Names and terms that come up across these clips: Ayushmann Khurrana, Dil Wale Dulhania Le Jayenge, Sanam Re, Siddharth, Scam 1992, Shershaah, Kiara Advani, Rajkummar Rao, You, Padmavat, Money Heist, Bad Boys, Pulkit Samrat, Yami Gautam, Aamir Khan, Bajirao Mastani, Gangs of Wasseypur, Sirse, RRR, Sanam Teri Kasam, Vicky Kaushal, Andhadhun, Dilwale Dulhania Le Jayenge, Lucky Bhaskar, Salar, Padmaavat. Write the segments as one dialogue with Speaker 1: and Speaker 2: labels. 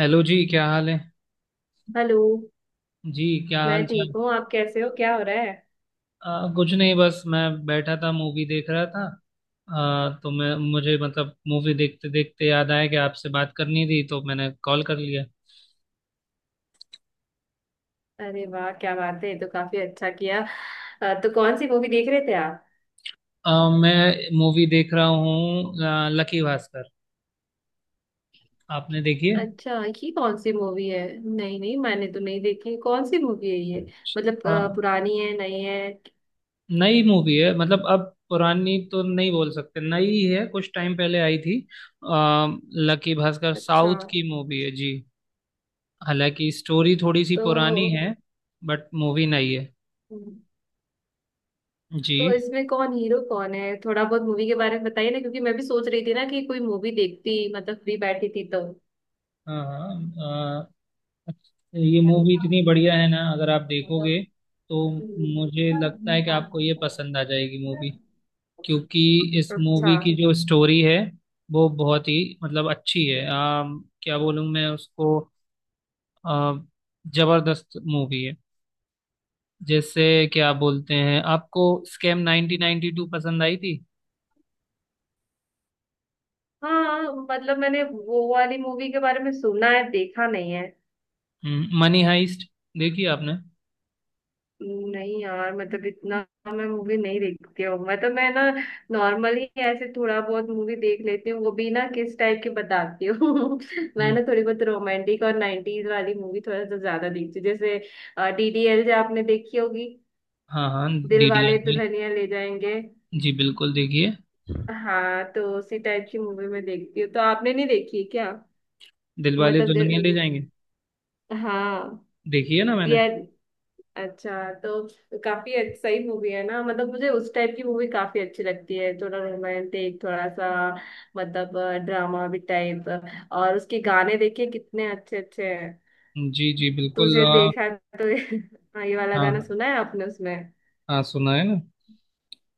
Speaker 1: Hello जी, क्या हाल है?
Speaker 2: हेलो।
Speaker 1: जी, क्या
Speaker 2: मैं
Speaker 1: हाल
Speaker 2: ठीक
Speaker 1: चाल?
Speaker 2: हूँ, आप कैसे हो? क्या हो रहा है?
Speaker 1: कुछ नहीं, बस मैं बैठा था, मूवी देख रहा था। तो मैं मुझे मतलब मूवी देखते देखते याद आया कि आपसे बात करनी थी तो मैंने कॉल कर लिया।
Speaker 2: अरे वाह, क्या बात है, ये तो काफी अच्छा किया। तो कौन सी मूवी देख रहे थे आप?
Speaker 1: मैं मूवी देख रहा हूँ, लकी भास्कर। आपने देखी है?
Speaker 2: अच्छा, ये कौन सी मूवी है? नहीं नहीं, मैंने तो नहीं देखी, कौन सी मूवी है ये? मतलब
Speaker 1: हाँ।
Speaker 2: पुरानी है, नई है?
Speaker 1: नई मूवी है, मतलब अब पुरानी तो नहीं बोल सकते, नई है, कुछ टाइम पहले आई थी। आ, लकी भास्कर
Speaker 2: अच्छा।
Speaker 1: साउथ की मूवी है जी। हालांकि स्टोरी थोड़ी सी
Speaker 2: तो
Speaker 1: पुरानी है, बट मूवी नई है जी।
Speaker 2: तो इसमें कौन हीरो कौन है, थोड़ा बहुत मूवी के बारे में बताइए ना, क्योंकि मैं भी सोच रही थी ना कि कोई मूवी देखती, मतलब फ्री बैठी थी तो।
Speaker 1: हाँ, हाँ। अ, ये मूवी इतनी बढ़िया है ना, अगर आप देखोगे तो मुझे लगता है कि आपको ये पसंद आ जाएगी मूवी। क्योंकि इस
Speaker 2: अच्छा।
Speaker 1: मूवी की जो स्टोरी है वो बहुत ही मतलब अच्छी है। क्या बोलूँ मैं उसको, अ, जबरदस्त मूवी है। जैसे क्या बोलते हैं, आपको स्कैम 1992 पसंद आई थी?
Speaker 2: हाँ, मतलब मैंने वो वाली मूवी के बारे में सुना है, देखा नहीं है।
Speaker 1: मनी हाइस्ट देखी आपने?
Speaker 2: नहीं यार, मतलब इतना मैं मूवी नहीं देखती हूँ, मतलब मैं ना नॉर्मली ऐसे थोड़ा बहुत मूवी देख लेती हूँ, वो भी ना किस टाइप की बताती हूँ। मैं
Speaker 1: हम्म।
Speaker 2: ना थोड़ी बहुत रोमांटिक और नाइनटीज वाली मूवी थोड़ा सा ज्यादा देखती हूँ, जैसे डीडीएल जो आपने देखी होगी,
Speaker 1: हाँ, हाँ।
Speaker 2: दिल
Speaker 1: डीडी
Speaker 2: वाले
Speaker 1: आएंगे,
Speaker 2: दुल्हनिया ले जाएंगे।
Speaker 1: जी बिल्कुल देखिए।
Speaker 2: हाँ, तो उसी टाइप की मूवी मैं देखती हूँ, तो आपने नहीं देखी है क्या?
Speaker 1: दिलवाले
Speaker 2: मतलब
Speaker 1: दुल्हनिया ले
Speaker 2: ज-
Speaker 1: जाएंगे।
Speaker 2: हाँ।
Speaker 1: देखिए ना मैंने।
Speaker 2: यार, अच्छा तो काफी अच्छी सही मूवी है ना, मतलब मुझे उस टाइप की मूवी काफी अच्छी लगती है, थोड़ा रोमांटिक थोड़ा सा मतलब ड्रामा भी टाइप। और उसके गाने देखिए कितने अच्छे अच्छे हैं,
Speaker 1: जी जी बिल्कुल।
Speaker 2: तुझे देखा, तो ये हाँ, ये वाला
Speaker 1: हाँ,
Speaker 2: गाना
Speaker 1: हाँ।
Speaker 2: सुना है आपने उसमें?
Speaker 1: हाँ, सुना है ना।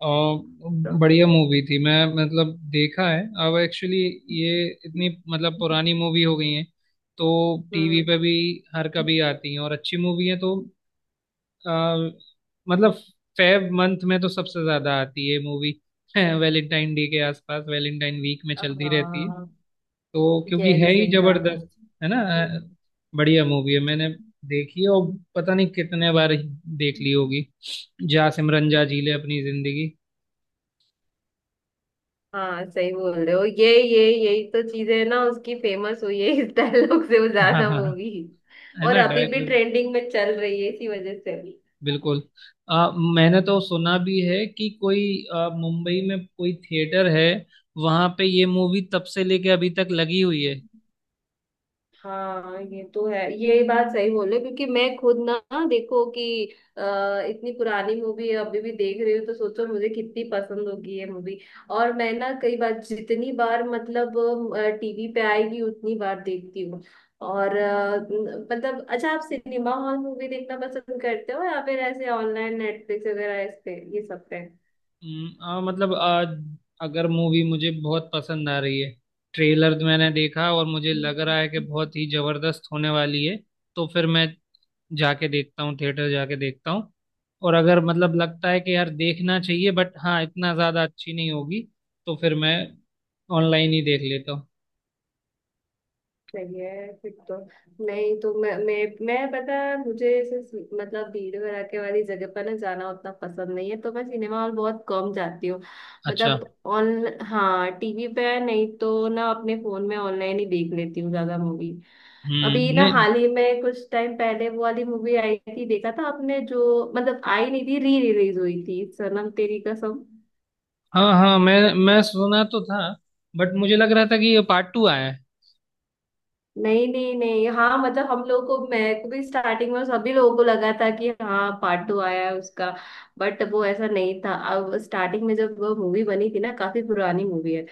Speaker 1: और
Speaker 2: तो
Speaker 1: बढ़िया मूवी थी, मैं मतलब देखा है। अब एक्चुअली ये इतनी मतलब पुरानी मूवी हो गई है, तो टीवी
Speaker 2: हम्म।
Speaker 1: पे भी हर कभी आती हैं, और अच्छी मूवी है तो आ, मतलब फेब मंथ में तो सबसे ज्यादा आती है मूवी। वैलेंटाइन डे के आसपास वैलेंटाइन वीक में चलती रहती है।
Speaker 2: हाँ,
Speaker 1: तो
Speaker 2: ये
Speaker 1: क्योंकि है ही
Speaker 2: सही
Speaker 1: जबरदस्त, है ना? बढ़िया मूवी है, मैंने देखी है और पता नहीं कितने बार देख
Speaker 2: कहा।
Speaker 1: ली होगी। जा सिमरन जा, जी ले अपनी जिंदगी।
Speaker 2: हाँ सही बोल रहे हो, ये यही तो चीज है ना, उसकी फेमस हुई है इस डायलॉग से, वो
Speaker 1: हाँ हाँ
Speaker 2: ज्यादा
Speaker 1: हाँ,
Speaker 2: मूवी
Speaker 1: है
Speaker 2: और
Speaker 1: ना
Speaker 2: अभी भी
Speaker 1: डायलॉग?
Speaker 2: ट्रेंडिंग में चल रही है इसी वजह से।
Speaker 1: बिल्कुल। मैंने तो सुना भी है कि कोई मुंबई में कोई थिएटर है, वहां पे ये मूवी तब से लेके अभी तक लगी हुई है।
Speaker 2: हाँ ये तो है, ये बात सही बोले, क्योंकि मैं खुद ना, हाँ, देखो कि अ, इतनी पुरानी मूवी अभी भी देख रही हूँ, तो सोचो मुझे कितनी पसंद होगी ये मूवी। और मैं ना कई बार, जितनी बार मतलब टीवी पे आएगी उतनी बार देखती हूँ। और मतलब अच्छा, आप सिनेमा हॉल मूवी देखना पसंद करते हो या फिर ऐसे ऑनलाइन नेटफ्लिक्स वगैरह इस पे, ये सब पे?
Speaker 1: मतलब आज अगर मूवी मुझे बहुत पसंद आ रही है, ट्रेलर मैंने देखा और मुझे लग रहा है कि बहुत ही जबरदस्त होने वाली है, तो फिर मैं जाके देखता हूँ, थिएटर जाके देखता हूँ। और अगर मतलब लगता है कि यार देखना चाहिए, बट हाँ इतना ज्यादा अच्छी नहीं होगी, तो फिर मैं ऑनलाइन ही देख लेता हूँ।
Speaker 2: सही है फिर तो। नहीं तो मैं पता है मुझे ऐसे मतलब भीड़ भड़ाके वाली जगह पर ना जाना उतना पसंद नहीं है, तो मैं सिनेमा हॉल बहुत कम जाती हूँ।
Speaker 1: अच्छा।
Speaker 2: मतलब ऑन हाँ टीवी पे, नहीं तो ना अपने फोन में ऑनलाइन ही देख लेती हूँ ज्यादा मूवी। अभी
Speaker 1: हम्म।
Speaker 2: ना
Speaker 1: नहीं।
Speaker 2: हाल ही में कुछ टाइम पहले वो वाली मूवी आई थी, देखा था आपने, जो मतलब आई नहीं थी, री रिलीज हुई थी, सनम तेरी कसम।
Speaker 1: हाँ हाँ, मैं सुना तो था, बट मुझे लग रहा था कि ये पार्ट टू आया है।
Speaker 2: नहीं नहीं नहीं, हाँ मतलब हम लोग को, मैं को भी, स्टार्टिंग में सभी लोगों को लगा था कि हाँ पार्ट टू आया है उसका। बट वो ऐसा नहीं था। अब स्टार्टिंग में जब वो मूवी बनी थी ना, काफी पुरानी मूवी है,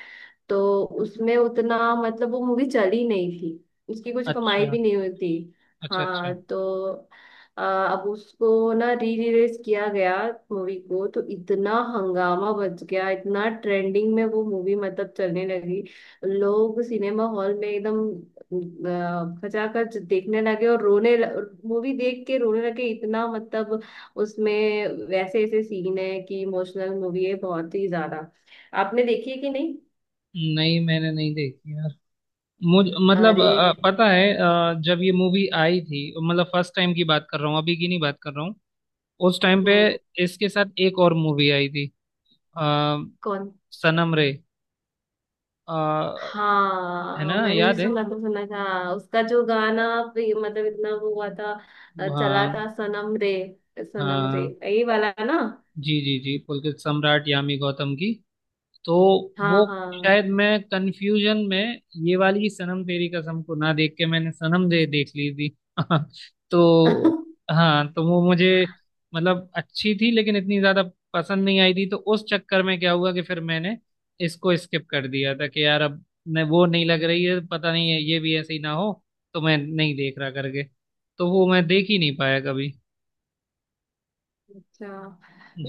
Speaker 2: तो उसमें उतना मतलब वो मूवी चली नहीं थी, उसकी कुछ कमाई
Speaker 1: अच्छा,
Speaker 2: भी नहीं हुई थी।
Speaker 1: अच्छा। अच्छा।
Speaker 2: हाँ, तो अब उसको ना री रिलीज किया गया मूवी को, तो इतना हंगामा बच गया, इतना ट्रेंडिंग में वो मूवी मतलब चलने लगी। लोग सिनेमा हॉल में एकदम खचाखच देखने लगे और रोने, मूवी देख के रोने लगे इतना, मतलब उसमें वैसे ऐसे सीन है कि इमोशनल मूवी है बहुत ही ज्यादा। आपने देखी है कि नहीं?
Speaker 1: नहीं, मैंने नहीं देखी। मुझ मतलब
Speaker 2: अरे
Speaker 1: पता है, जब ये मूवी आई थी। मतलब फर्स्ट टाइम की बात कर रहा हूँ, अभी की नहीं बात कर रहा हूँ। उस टाइम पे
Speaker 2: हम्म।
Speaker 1: इसके साथ एक और मूवी आई थी। आ,
Speaker 2: कौन?
Speaker 1: सनम रे। अ, है
Speaker 2: हाँ
Speaker 1: ना,
Speaker 2: मैंने भी
Speaker 1: याद है?
Speaker 2: सुना था, सुना था। उसका जो गाना मतलब इतना वो हुआ था, चला था
Speaker 1: हाँ
Speaker 2: सनम रे, सनम रे
Speaker 1: हाँ,
Speaker 2: यही वाला ना?
Speaker 1: जी जी जी, पुलकित सम्राट यामी गौतम की। तो
Speaker 2: हाँ
Speaker 1: वो,
Speaker 2: हाँ।
Speaker 1: शायद मैं कंफ्यूजन में, ये वाली सनम तेरी कसम को ना देख के मैंने सनम दे देख ली थी। तो। हाँ, तो वो मुझे मतलब अच्छी थी लेकिन इतनी ज्यादा पसंद नहीं आई थी। तो उस चक्कर में क्या हुआ कि फिर मैंने इसको स्किप कर दिया था कि यार अब न, वो नहीं लग रही है, पता नहीं है ये भी ऐसे ही ना हो, तो मैं नहीं देख रहा करके। तो वो मैं देख ही नहीं पाया कभी।
Speaker 2: अच्छा,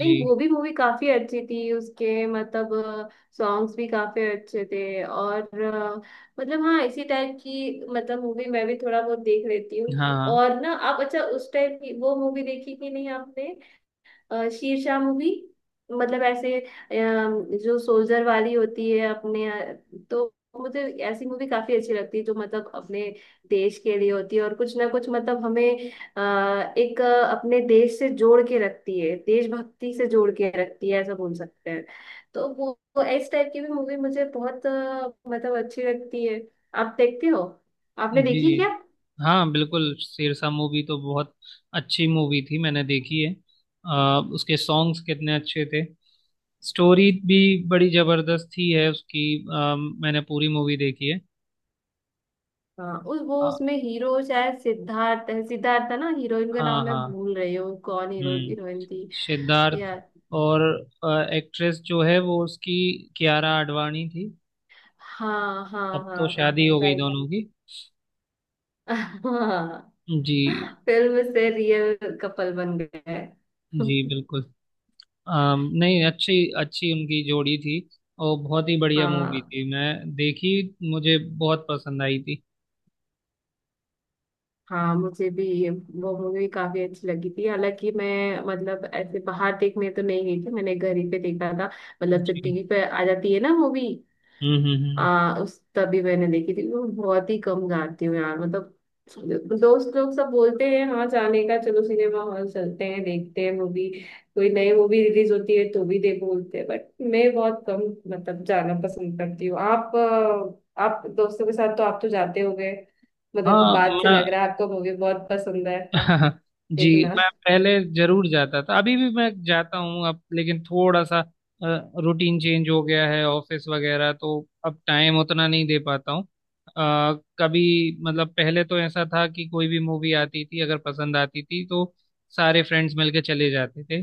Speaker 1: जी।
Speaker 2: वो भी मूवी काफी अच्छी थी, उसके मतलब सॉन्ग्स भी काफी अच्छे थे। और मतलब हाँ इसी टाइप की मतलब मूवी मैं भी थोड़ा बहुत देख लेती हूँ।
Speaker 1: हाँ,
Speaker 2: और ना आप, अच्छा उस टाइप की वो मूवी देखी कि नहीं आपने, शेरशाह मूवी, मतलब ऐसे जो सोल्जर वाली होती है अपने तो मुझे ऐसी मूवी काफी अच्छी लगती है जो मतलब अपने देश के लिए होती है और कुछ ना कुछ मतलब हमें अ, एक अ, अपने देश से जोड़ के रखती है, देशभक्ति से जोड़ के रखती है, ऐसा बोल सकते हैं। तो वो इस टाइप की भी मूवी मुझे बहुत मतलब अच्छी लगती है। आप देखते हो? आपने
Speaker 1: जी
Speaker 2: देखी क्या?
Speaker 1: हाँ बिल्कुल, सिरसा मूवी तो बहुत अच्छी मूवी थी, मैंने देखी है। उसके सॉन्ग्स कितने अच्छे थे। स्टोरी भी बड़ी जबरदस्त थी है उसकी। अ, मैंने पूरी मूवी देखी है।
Speaker 2: हाँ उस वो
Speaker 1: अ,
Speaker 2: उसमें हीरो शायद सिद्धार्थ है, सिद्धार्थ था ना, हीरोइन का
Speaker 1: हाँ,
Speaker 2: नाम मैं
Speaker 1: हाँ।
Speaker 2: भूल रही हूँ, कौन हीरो
Speaker 1: हम्म।
Speaker 2: हीरोइन थी
Speaker 1: सिद्धार्थ।
Speaker 2: यार?
Speaker 1: और एक्ट्रेस जो है वो उसकी कियारा आडवाणी थी।
Speaker 2: हाँ हाँ
Speaker 1: अब
Speaker 2: हाँ
Speaker 1: तो
Speaker 2: हाँ
Speaker 1: शादी
Speaker 2: हाँ
Speaker 1: हो गई
Speaker 2: राइट।
Speaker 1: दोनों की।
Speaker 2: हाँ।
Speaker 1: जी
Speaker 2: फिल्म से रियल कपल बन गए।
Speaker 1: जी बिल्कुल। नहीं, अच्छी, अच्छी उनकी जोड़ी थी। और बहुत ही बढ़िया मूवी
Speaker 2: हाँ।
Speaker 1: थी मैं देखी, मुझे बहुत पसंद आई थी।
Speaker 2: हाँ मुझे भी ये- वो मूवी काफी अच्छी लगी थी, हालांकि मैं मतलब ऐसे बाहर देखने तो नहीं गई थी, मैंने घर ही पे देखा था, मतलब जब
Speaker 1: जी।
Speaker 2: टीवी पे आ जाती है ना मूवी,
Speaker 1: हम्म।
Speaker 2: उस तभी मैंने देखी थी। मैं बहुत ही कम जाती हूँ यार, मतलब दोस्त लोग सब बोलते हैं हाँ जाने का, चलो सिनेमा हॉल चलते हैं, देखते हैं मूवी, कोई नई मूवी रिलीज होती है तो भी देखो बोलते हैं, बट मैं बहुत कम मतलब जाना पसंद करती हूँ। आप आप दोस्तों के साथ तो आप तो जाते होगे, मतलब
Speaker 1: हाँ,
Speaker 2: बात से
Speaker 1: मैं।
Speaker 2: लग रहा है आपको मूवी बहुत पसंद है
Speaker 1: जी।
Speaker 2: देखना।
Speaker 1: मैं पहले जरूर जाता था, अभी भी मैं जाता हूँ अब, लेकिन थोड़ा सा रूटीन चेंज हो गया है, ऑफिस वगैरह तो अब टाइम उतना नहीं दे पाता हूँ। कभी मतलब पहले तो ऐसा था कि कोई भी मूवी आती थी अगर पसंद आती थी तो सारे फ्रेंड्स मिलके चले जाते थे।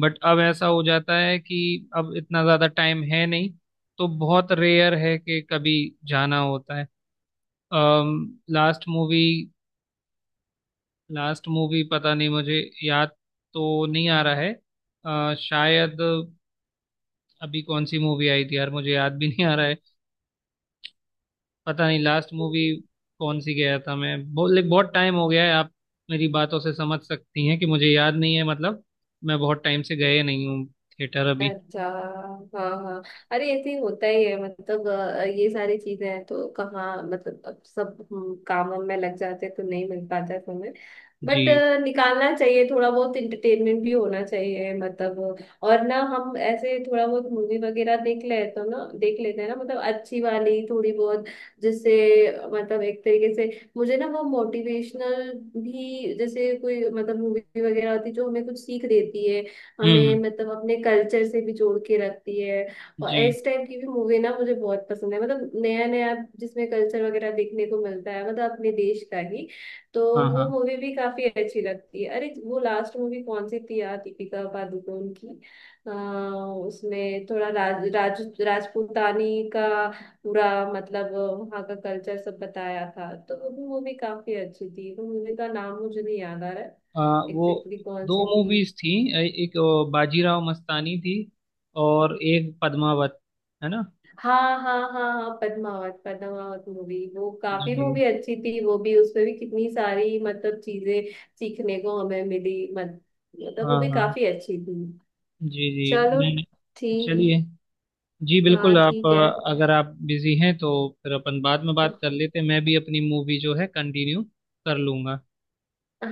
Speaker 1: बट अब ऐसा हो जाता है कि अब इतना ज़्यादा टाइम है नहीं, तो बहुत रेयर है कि कभी जाना होता है। लास्ट मूवी लास्ट मूवी पता नहीं, मुझे याद तो नहीं आ रहा है। शायद अभी कौन सी मूवी आई थी यार, मुझे याद भी नहीं आ रहा है। पता नहीं लास्ट मूवी कौन सी गया था मैं। बहुत बहुत टाइम हो गया है। आप मेरी बातों से समझ सकती हैं कि मुझे याद नहीं है मतलब। मैं बहुत टाइम से गए नहीं हूँ थिएटर अभी।
Speaker 2: अच्छा। हाँ हाँ, अरे ऐसे ही होता ही है मतलब। ये सारी चीजें हैं तो कहाँ, मतलब अब सब हम कामों में लग जाते हैं तो नहीं मिल पाता है समय। बट
Speaker 1: जी।
Speaker 2: निकालना चाहिए, थोड़ा बहुत इंटरटेनमेंट भी होना चाहिए मतलब। और ना हम ऐसे थोड़ा बहुत मूवी वगैरह देख ले तो ना देख लेते हैं ना मतलब, अच्छी वाली थोड़ी बहुत, जिससे मतलब एक तरीके से मुझे ना वो मोटिवेशनल भी, जैसे कोई मतलब मूवी वगैरह होती है जो हमें कुछ सीख देती है,
Speaker 1: हम्म,
Speaker 2: हमें
Speaker 1: हम्म।
Speaker 2: मतलब अपने कल्चर से भी जोड़ के रखती है। और
Speaker 1: जी।
Speaker 2: इस टाइप की भी मूवी ना मुझे बहुत पसंद है, मतलब नया नया जिसमें कल्चर वगैरह देखने को मिलता है, मतलब अपने देश का ही, तो
Speaker 1: हाँ, हाँ।
Speaker 2: वो मूवी भी काफी अच्छी लगती है। अरे वो लास्ट मूवी कौन सी थी यार, दीपिका पादुकोण की, अ, उसमें थोड़ा राज राजपूतानी का पूरा मतलब वहाँ का कल्चर सब बताया था, तो वो भी मूवी काफी अच्छी थी। वो मूवी का नाम मुझे नहीं याद आ रहा है,
Speaker 1: अ, वो
Speaker 2: एग्जैक्टली कौन
Speaker 1: दो
Speaker 2: सी थी?
Speaker 1: मूवीज थी। एक बाजीराव मस्तानी थी और एक पद्मावत, है ना?
Speaker 2: हाँ हाँ हाँ हाँ, पद्मावत, पद्मावत मूवी वो काफी
Speaker 1: जी।
Speaker 2: मूवी अच्छी थी, वो भी उसमें भी कितनी सारी मतलब चीजें सीखने को हमें मिली मत, मतलब वो
Speaker 1: हाँ,
Speaker 2: भी
Speaker 1: हाँ।
Speaker 2: काफी अच्छी थी।
Speaker 1: जी जी।
Speaker 2: चलो
Speaker 1: मैं।
Speaker 2: ठीक।
Speaker 1: चलिए। जी
Speaker 2: हाँ
Speaker 1: बिल्कुल। आप
Speaker 2: ठीक है।
Speaker 1: अगर आप बिजी हैं तो फिर अपन बाद में बात कर लेते हैं, मैं भी अपनी मूवी जो है कंटिन्यू कर लूंगा।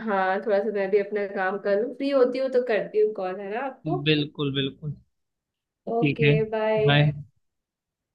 Speaker 2: हाँ थोड़ा सा मैं भी अपना काम कर लूँ, फ्री होती हूँ तो करती हूँ कॉल, है ना आपको?
Speaker 1: बिल्कुल बिल्कुल, ठीक
Speaker 2: ओके
Speaker 1: है।
Speaker 2: बाय।
Speaker 1: बाय।